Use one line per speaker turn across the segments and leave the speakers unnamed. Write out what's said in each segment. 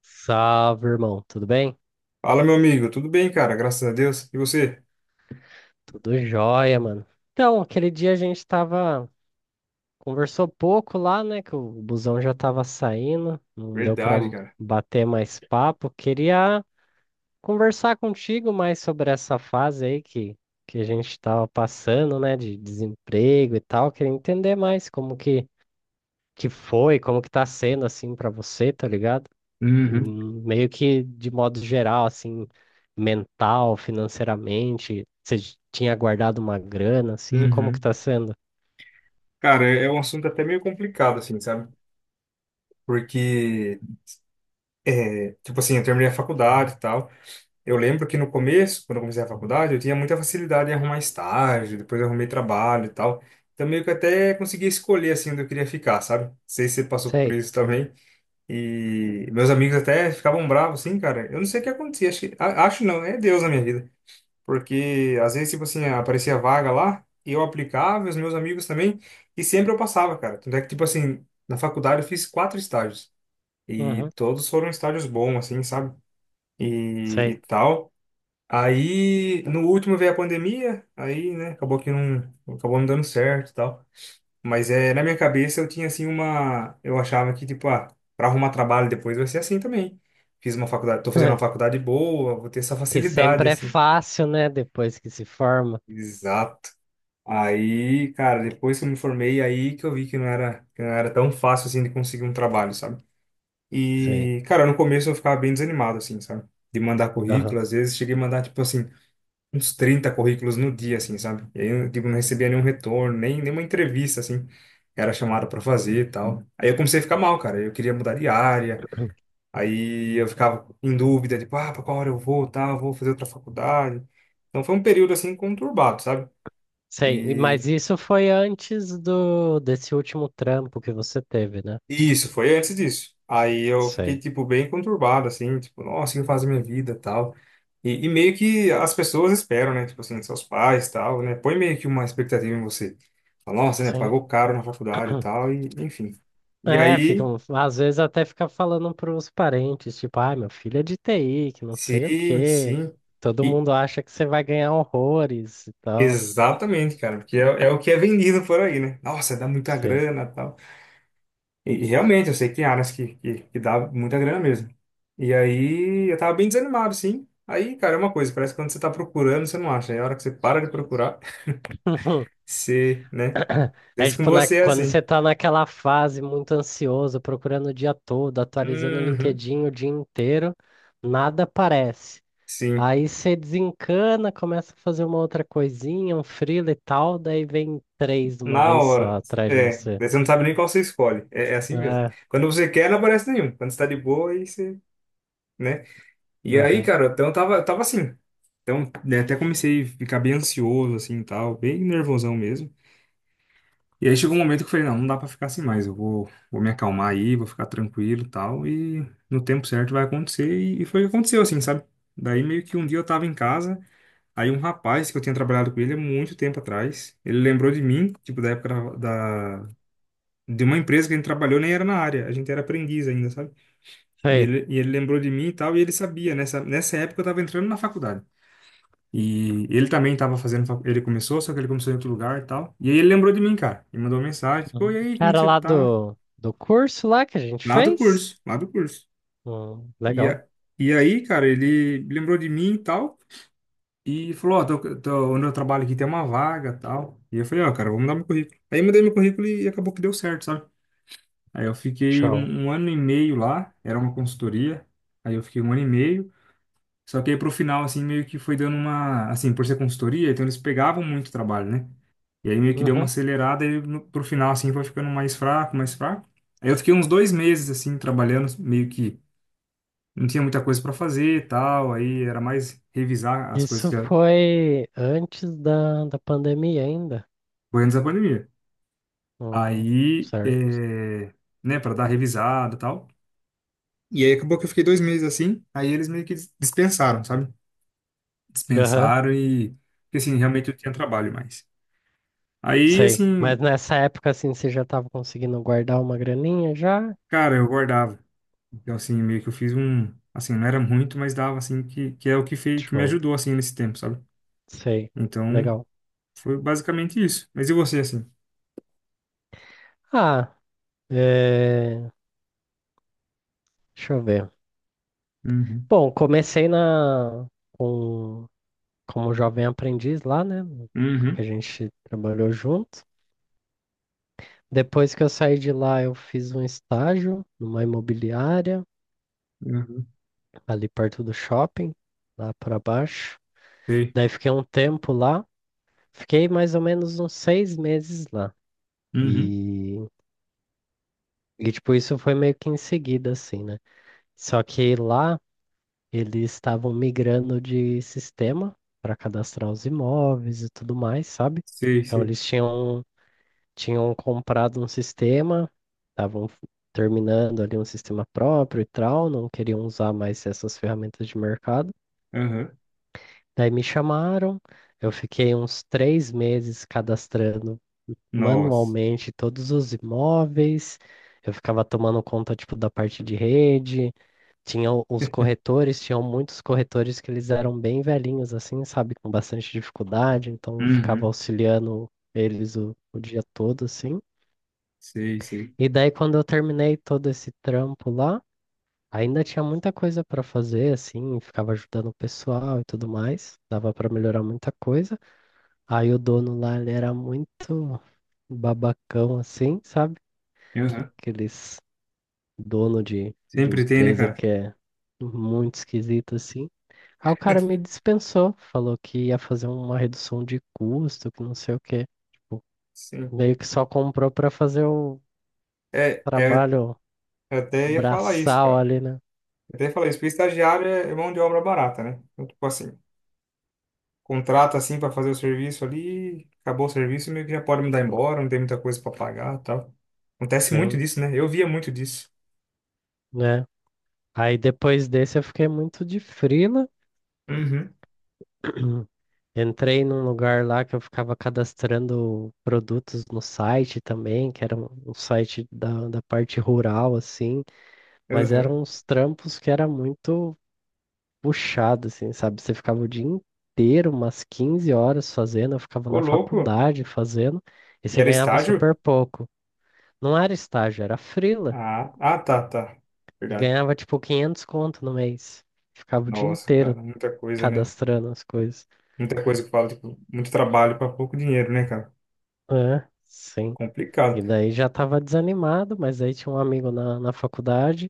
Salve, irmão. Tudo bem?
Fala, meu amigo. Tudo bem, cara? Graças a Deus. E você?
Tudo jóia, mano. Então, aquele dia a gente tava. Conversou pouco lá, né? Que o busão já tava saindo. Não deu pra
Verdade, cara.
bater mais papo. Queria conversar contigo mais sobre essa fase aí que a gente tava passando, né? De desemprego e tal. Queria entender mais como que foi, como que tá sendo assim pra você, tá ligado?
Uhum,
Meio que de modo geral, assim, mental, financeiramente, você tinha guardado uma grana, assim, como que
uhum.
tá sendo?
Cara, é um assunto até meio complicado, assim, sabe? Porque, é, tipo assim, eu terminei a faculdade e tal. Eu lembro que no começo, quando eu comecei a faculdade, eu tinha muita facilidade em arrumar estágio, depois eu arrumei trabalho e tal. Então, meio que até consegui escolher, assim, onde eu queria ficar, sabe? Não sei se você passou por
Sei.
isso também. E meus amigos até ficavam bravos, assim, cara. Eu não sei o que acontecia. Acho que, acho não, é Deus na minha vida. Porque às vezes, tipo assim, aparecia vaga lá, eu aplicava, os meus amigos também, e sempre eu passava, cara. Tanto é que, tipo assim, na faculdade eu fiz quatro estágios, e
Uhum,
todos foram estágios bons, assim, sabe? E
sei.
tal. Aí, no último veio a pandemia, aí, né, acabou não dando certo e tal. Mas é, na minha cabeça eu tinha, assim, uma. Eu achava que, tipo, ah, pra arrumar trabalho depois vai ser assim também. Fiz uma faculdade, tô fazendo uma faculdade boa, vou ter essa
Que
facilidade,
sempre é
assim.
fácil, né? Depois que se forma.
Exato. Aí, cara, depois que eu me formei, aí que eu vi que não era tão fácil assim de conseguir um trabalho, sabe?
Sei.
E, cara, no começo eu ficava bem desanimado, assim, sabe? De mandar
Aham.
currículo, às vezes cheguei a mandar, tipo assim, uns 30 currículos no dia, assim, sabe? E aí eu, tipo, não recebia nenhum retorno, nem nenhuma entrevista, assim, que era chamada pra fazer e tal. Aí eu comecei a ficar mal, cara, eu queria mudar de área, aí eu ficava em dúvida, tipo, ah, pra qual hora eu vou, tal, vou fazer outra faculdade. Então foi um período, assim, conturbado, sabe?
Sei.
E
Mas isso foi antes do desse último trampo que você teve, né?
isso, foi antes disso. Aí eu fiquei,
Sei.
tipo, bem conturbado, assim, tipo, nossa, o que eu faço da minha vida, tal. E meio que as pessoas esperam, né? Tipo assim, seus pais, tal, né? Põe meio que uma expectativa em você. Fala, nossa, né?
Sim.
Pagou caro na faculdade e tal, e enfim. E
É,
aí,
ficam, às vezes até fica falando pros parentes, tipo, ah, meu filho é de TI, que não sei o
sim,
quê.
sim.
Todo
E
mundo acha que você vai ganhar horrores e tal.
exatamente, cara, porque é o que é vendido por aí, né? Nossa, dá muita
Sim.
grana, tal. E realmente, eu sei que tem áreas que dá muita grana mesmo. E aí, eu tava bem desanimado, sim. Aí, cara, é uma coisa, parece que quando você tá procurando, você não acha. Aí, a hora que você para de procurar, você, né?
É
Isso com
tipo,
você é
quando
assim.
você tá naquela fase muito ansioso, procurando o dia todo, atualizando o
Uhum,
LinkedIn o dia inteiro, nada aparece.
sim.
Aí você desencana, começa a fazer uma outra coisinha, um freela e tal, daí vem três de uma
Na
vez só
hora.
atrás de
É,
você.
daí você não sabe nem qual você escolhe. É, é assim mesmo.
É,
Quando você quer, não aparece nenhum. Quando você tá de boa, aí você, né? E aí,
aham.
cara, então eu tava assim. Então, né, até comecei a ficar bem ansioso, assim, e tal, bem nervosão mesmo. E aí chegou um momento que eu falei, não, não dá pra ficar assim mais, vou me acalmar aí, vou ficar tranquilo e tal, e no tempo certo vai acontecer, e foi o que aconteceu, assim, sabe? Daí meio que um dia eu tava em casa, aí um rapaz que eu tinha trabalhado com ele há muito tempo atrás, ele lembrou de mim, tipo, da época da, da- de uma empresa que a gente trabalhou, nem era na área, a gente era aprendiz ainda, sabe? E
Sei.
ele, e ele lembrou de mim e tal, e ele sabia, nessa época eu tava entrando na faculdade. E ele também estava fazendo, ele começou, só que ele começou em outro lugar e tal. E aí ele lembrou de mim, cara, e mandou uma mensagem, tipo, e aí, como que
Cara
você
lá
tá?
do curso lá que a gente
Lá do
fez?
curso, lá do curso. E,
Legal.
a, e aí, cara, ele lembrou de mim e tal, e falou, ó, onde eu trabalho aqui tem uma vaga e tal. E eu falei, ó, cara, vou mudar meu currículo. Aí eu mudei meu currículo e acabou que deu certo, sabe? Aí eu fiquei
Show.
um ano e meio lá, era uma consultoria, aí eu fiquei um ano e meio, só que aí pro final, assim, meio que foi dando uma, assim, por ser consultoria, então eles pegavam muito trabalho, né? E aí meio que deu uma
Uhum.
acelerada e pro final, assim, foi ficando mais fraco, mais fraco. Aí eu fiquei uns dois meses, assim, trabalhando meio que não tinha muita coisa para fazer e tal, aí era mais revisar as coisas
Isso
que já
foi antes da pandemia ainda.
foi antes da pandemia.
Hum,
Aí,
certo.
é, né, para dar revisada e tal. E aí acabou que eu fiquei dois meses assim, aí eles meio que dispensaram, sabe?
Aham,
Dispensaram e, porque assim, realmente eu tinha trabalho mais. Aí,
sei. Mas
assim,
nessa época, assim, você já estava conseguindo guardar uma graninha já?
cara, eu guardava. Então, assim, meio que eu fiz um, assim, não era muito, mas dava, assim, que é o que fez, que me
Show.
ajudou, assim, nesse tempo, sabe?
Sei.
Então,
Legal.
foi basicamente isso. Mas e você, assim?
Ah, é, deixa eu ver.
Uhum.
Bom, comecei com... como jovem aprendiz lá, né?
Uhum.
Que a gente trabalhou junto. Depois que eu saí de lá, eu fiz um estágio numa imobiliária,
Uhum.
ali perto do shopping, lá para baixo.
Sei.
Daí fiquei um tempo lá, fiquei mais ou menos uns 6 meses lá.
Uhum.
E, e tipo, isso foi meio que em seguida, assim, né? Só que lá eles estavam migrando de sistema para cadastrar os imóveis e tudo mais, sabe?
Sei,
Então
sei.
eles tinham comprado um sistema, estavam terminando ali um sistema próprio e tal, não queriam usar mais essas ferramentas de mercado.
Aham.
Daí me chamaram, eu fiquei uns 3 meses cadastrando
Nossa.
manualmente todos os imóveis. Eu ficava tomando conta, tipo, da parte de rede. Tinha os corretores, tinham muitos corretores que eles eram bem velhinhos, assim, sabe, com bastante dificuldade. Então, eu ficava
Uhum.
auxiliando eles o dia todo, assim.
Sei, sei.
E daí, quando eu terminei todo esse trampo lá, ainda tinha muita coisa para fazer, assim, ficava ajudando o pessoal e tudo mais, dava para melhorar muita coisa. Aí o dono lá, ele era muito babacão, assim, sabe?
Aham.
Aqueles dono de
Sempre tem, né,
empresa
cara?
que é muito esquisito, assim. Aí o cara me dispensou, falou que ia fazer uma redução de custo, que não sei o quê. Tipo,
Sim.
meio que só comprou para fazer o
É, é,
trabalho
eu até ia falar isso,
braçal
cara.
ali, né?
Eu até ia falar isso, porque estagiário é mão de obra barata, né? Então, tipo assim, contrata assim pra fazer o serviço ali, acabou o serviço, meio que já pode mandar embora, não tem muita coisa pra pagar e tal. Acontece muito
Sim.
disso, né? Eu via muito disso.
Né? Aí depois desse eu fiquei muito de frila.
Uhum.
Entrei num lugar lá que eu ficava cadastrando produtos no site também, que era um site da parte rural, assim, mas
Aham.
eram uns trampos que era muito puxado, assim, sabe? Você ficava o dia inteiro, umas 15 horas fazendo, eu ficava
Ô,
na
louco.
faculdade fazendo, e
E
você
era
ganhava
estágio?
super pouco. Não era estágio, era frila,
Ah, ah, tá, tá.
e
Verdade.
ganhava tipo 500 conto no mês. Ficava o dia
Nossa,
inteiro
cara, muita coisa, né?
cadastrando as coisas.
Muita coisa que fala, tipo, muito trabalho para pouco dinheiro, né, cara?
É, sim.
Complicado.
E daí já estava desanimado, mas aí tinha um amigo na faculdade,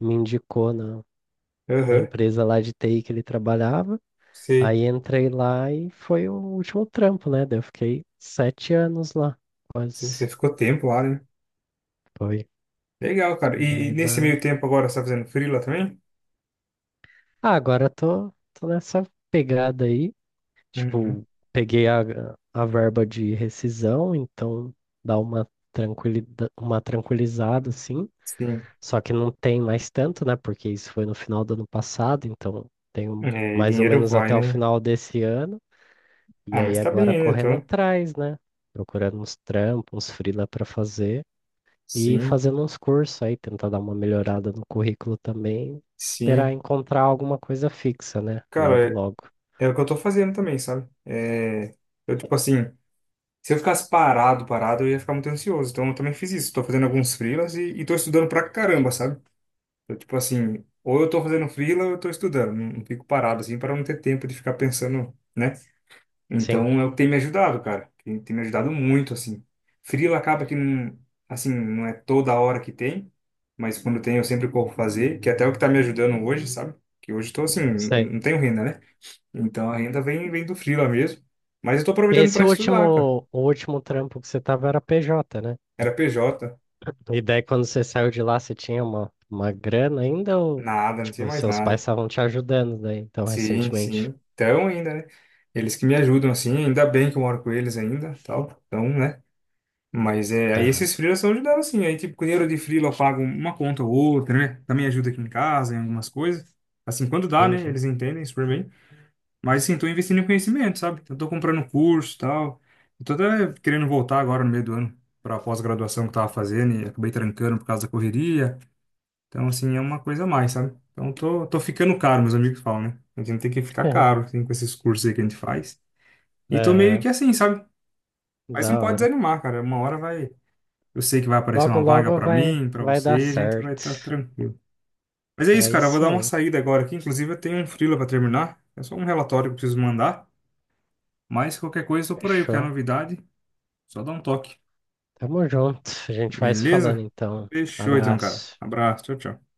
me indicou na
Aham,
empresa lá de TI que ele trabalhava.
sei,
Aí entrei lá e foi o último trampo, né? Daí eu fiquei 7 anos lá,
sei. Você
quase.
ficou tempo lá, né?
Foi.
Legal, cara. E
Daí
nesse meio
lá.
tempo agora você tá fazendo free também?
Ah, agora eu tô nessa pegada aí.
Uhum.
Tipo, peguei a verba de rescisão, então dá uma tranquilizada, assim.
Sim.
Só que não tem mais tanto, né? Porque isso foi no final do ano passado, então tenho
É, e
mais ou
dinheiro
menos
vai,
até o
né?
final desse ano. E
Ah, mas
aí
tá bem
agora
ainda,
correndo
então.
atrás, né? Procurando uns trampos, uns freela para fazer e
Sim,
fazendo uns cursos aí, tentar dar uma melhorada no currículo também, esperar
sim.
encontrar alguma coisa fixa, né? Logo,
Cara,
logo.
é, é o que eu tô fazendo também, sabe? É, eu, tipo assim, se eu ficasse parado, eu ia ficar muito ansioso. Então eu também fiz isso. Tô fazendo alguns freelas e tô estudando pra caramba, sabe? Eu, tipo assim, ou eu tô fazendo freela ou eu tô estudando. Não, não fico parado assim para não ter tempo de ficar pensando, né?
Sim,
Então é o que tem me ajudado, cara. Tem me ajudado muito, assim. Freela acaba que não, assim, não é toda hora que tem, mas quando tem eu sempre corro fazer, que até é o que tá me ajudando hoje, sabe? Que hoje eu tô assim,
sei.
não tenho renda, né? Então a renda vem, vem do freela mesmo. Mas eu tô aproveitando para
Esse
estudar, cara.
último, o último trampo que você tava era PJ, né?
Era PJ,
E daí, quando você saiu de lá, você tinha uma grana ainda ou,
nada, não tinha
tipo,
mais
seus pais
nada.
estavam te ajudando daí, então,
Sim,
recentemente?
sim. Então ainda, né? Eles que me ajudam, assim, ainda bem que eu moro com eles ainda, tal. Então, né? Mas é, aí
Aham,
esses freelas estão ajudando, assim. Aí, tipo, com dinheiro de freela eu pago uma conta ou outra, né? Também ajuda aqui em casa, em algumas coisas. Assim, quando dá, né?
entendi.
Eles entendem super bem. Mas, assim, tô investindo em conhecimento, sabe? Eu tô comprando curso, tal. Eu tô até querendo voltar agora no meio do ano pra pós-graduação que eu tava fazendo e acabei trancando por causa da correria. Então, assim, é uma coisa a mais, sabe? Então, tô ficando caro, meus amigos falam, né? A gente tem que ficar caro, assim, com esses cursos aí que a gente faz. E tô meio que
Aham,
assim, sabe? Mas não
da
pode
hora.
desanimar, cara. Uma hora vai. Eu sei que vai aparecer
Logo,
uma vaga
logo
pra
vai,
mim, pra
vai dar
você, a gente vai
certo.
estar tranquilo. Mas é isso,
É
cara. Eu vou
isso
dar
aí,
uma saída agora aqui. Inclusive, eu tenho um freela pra terminar. É só um relatório que eu preciso mandar. Mas qualquer coisa, eu tô por aí. Qualquer
fechou.
novidade, só dá um toque.
Tamo junto, a gente vai se falando
Beleza?
então.
Fechou, então, cara.
Abraço.
Abraço. Tchau, tchau.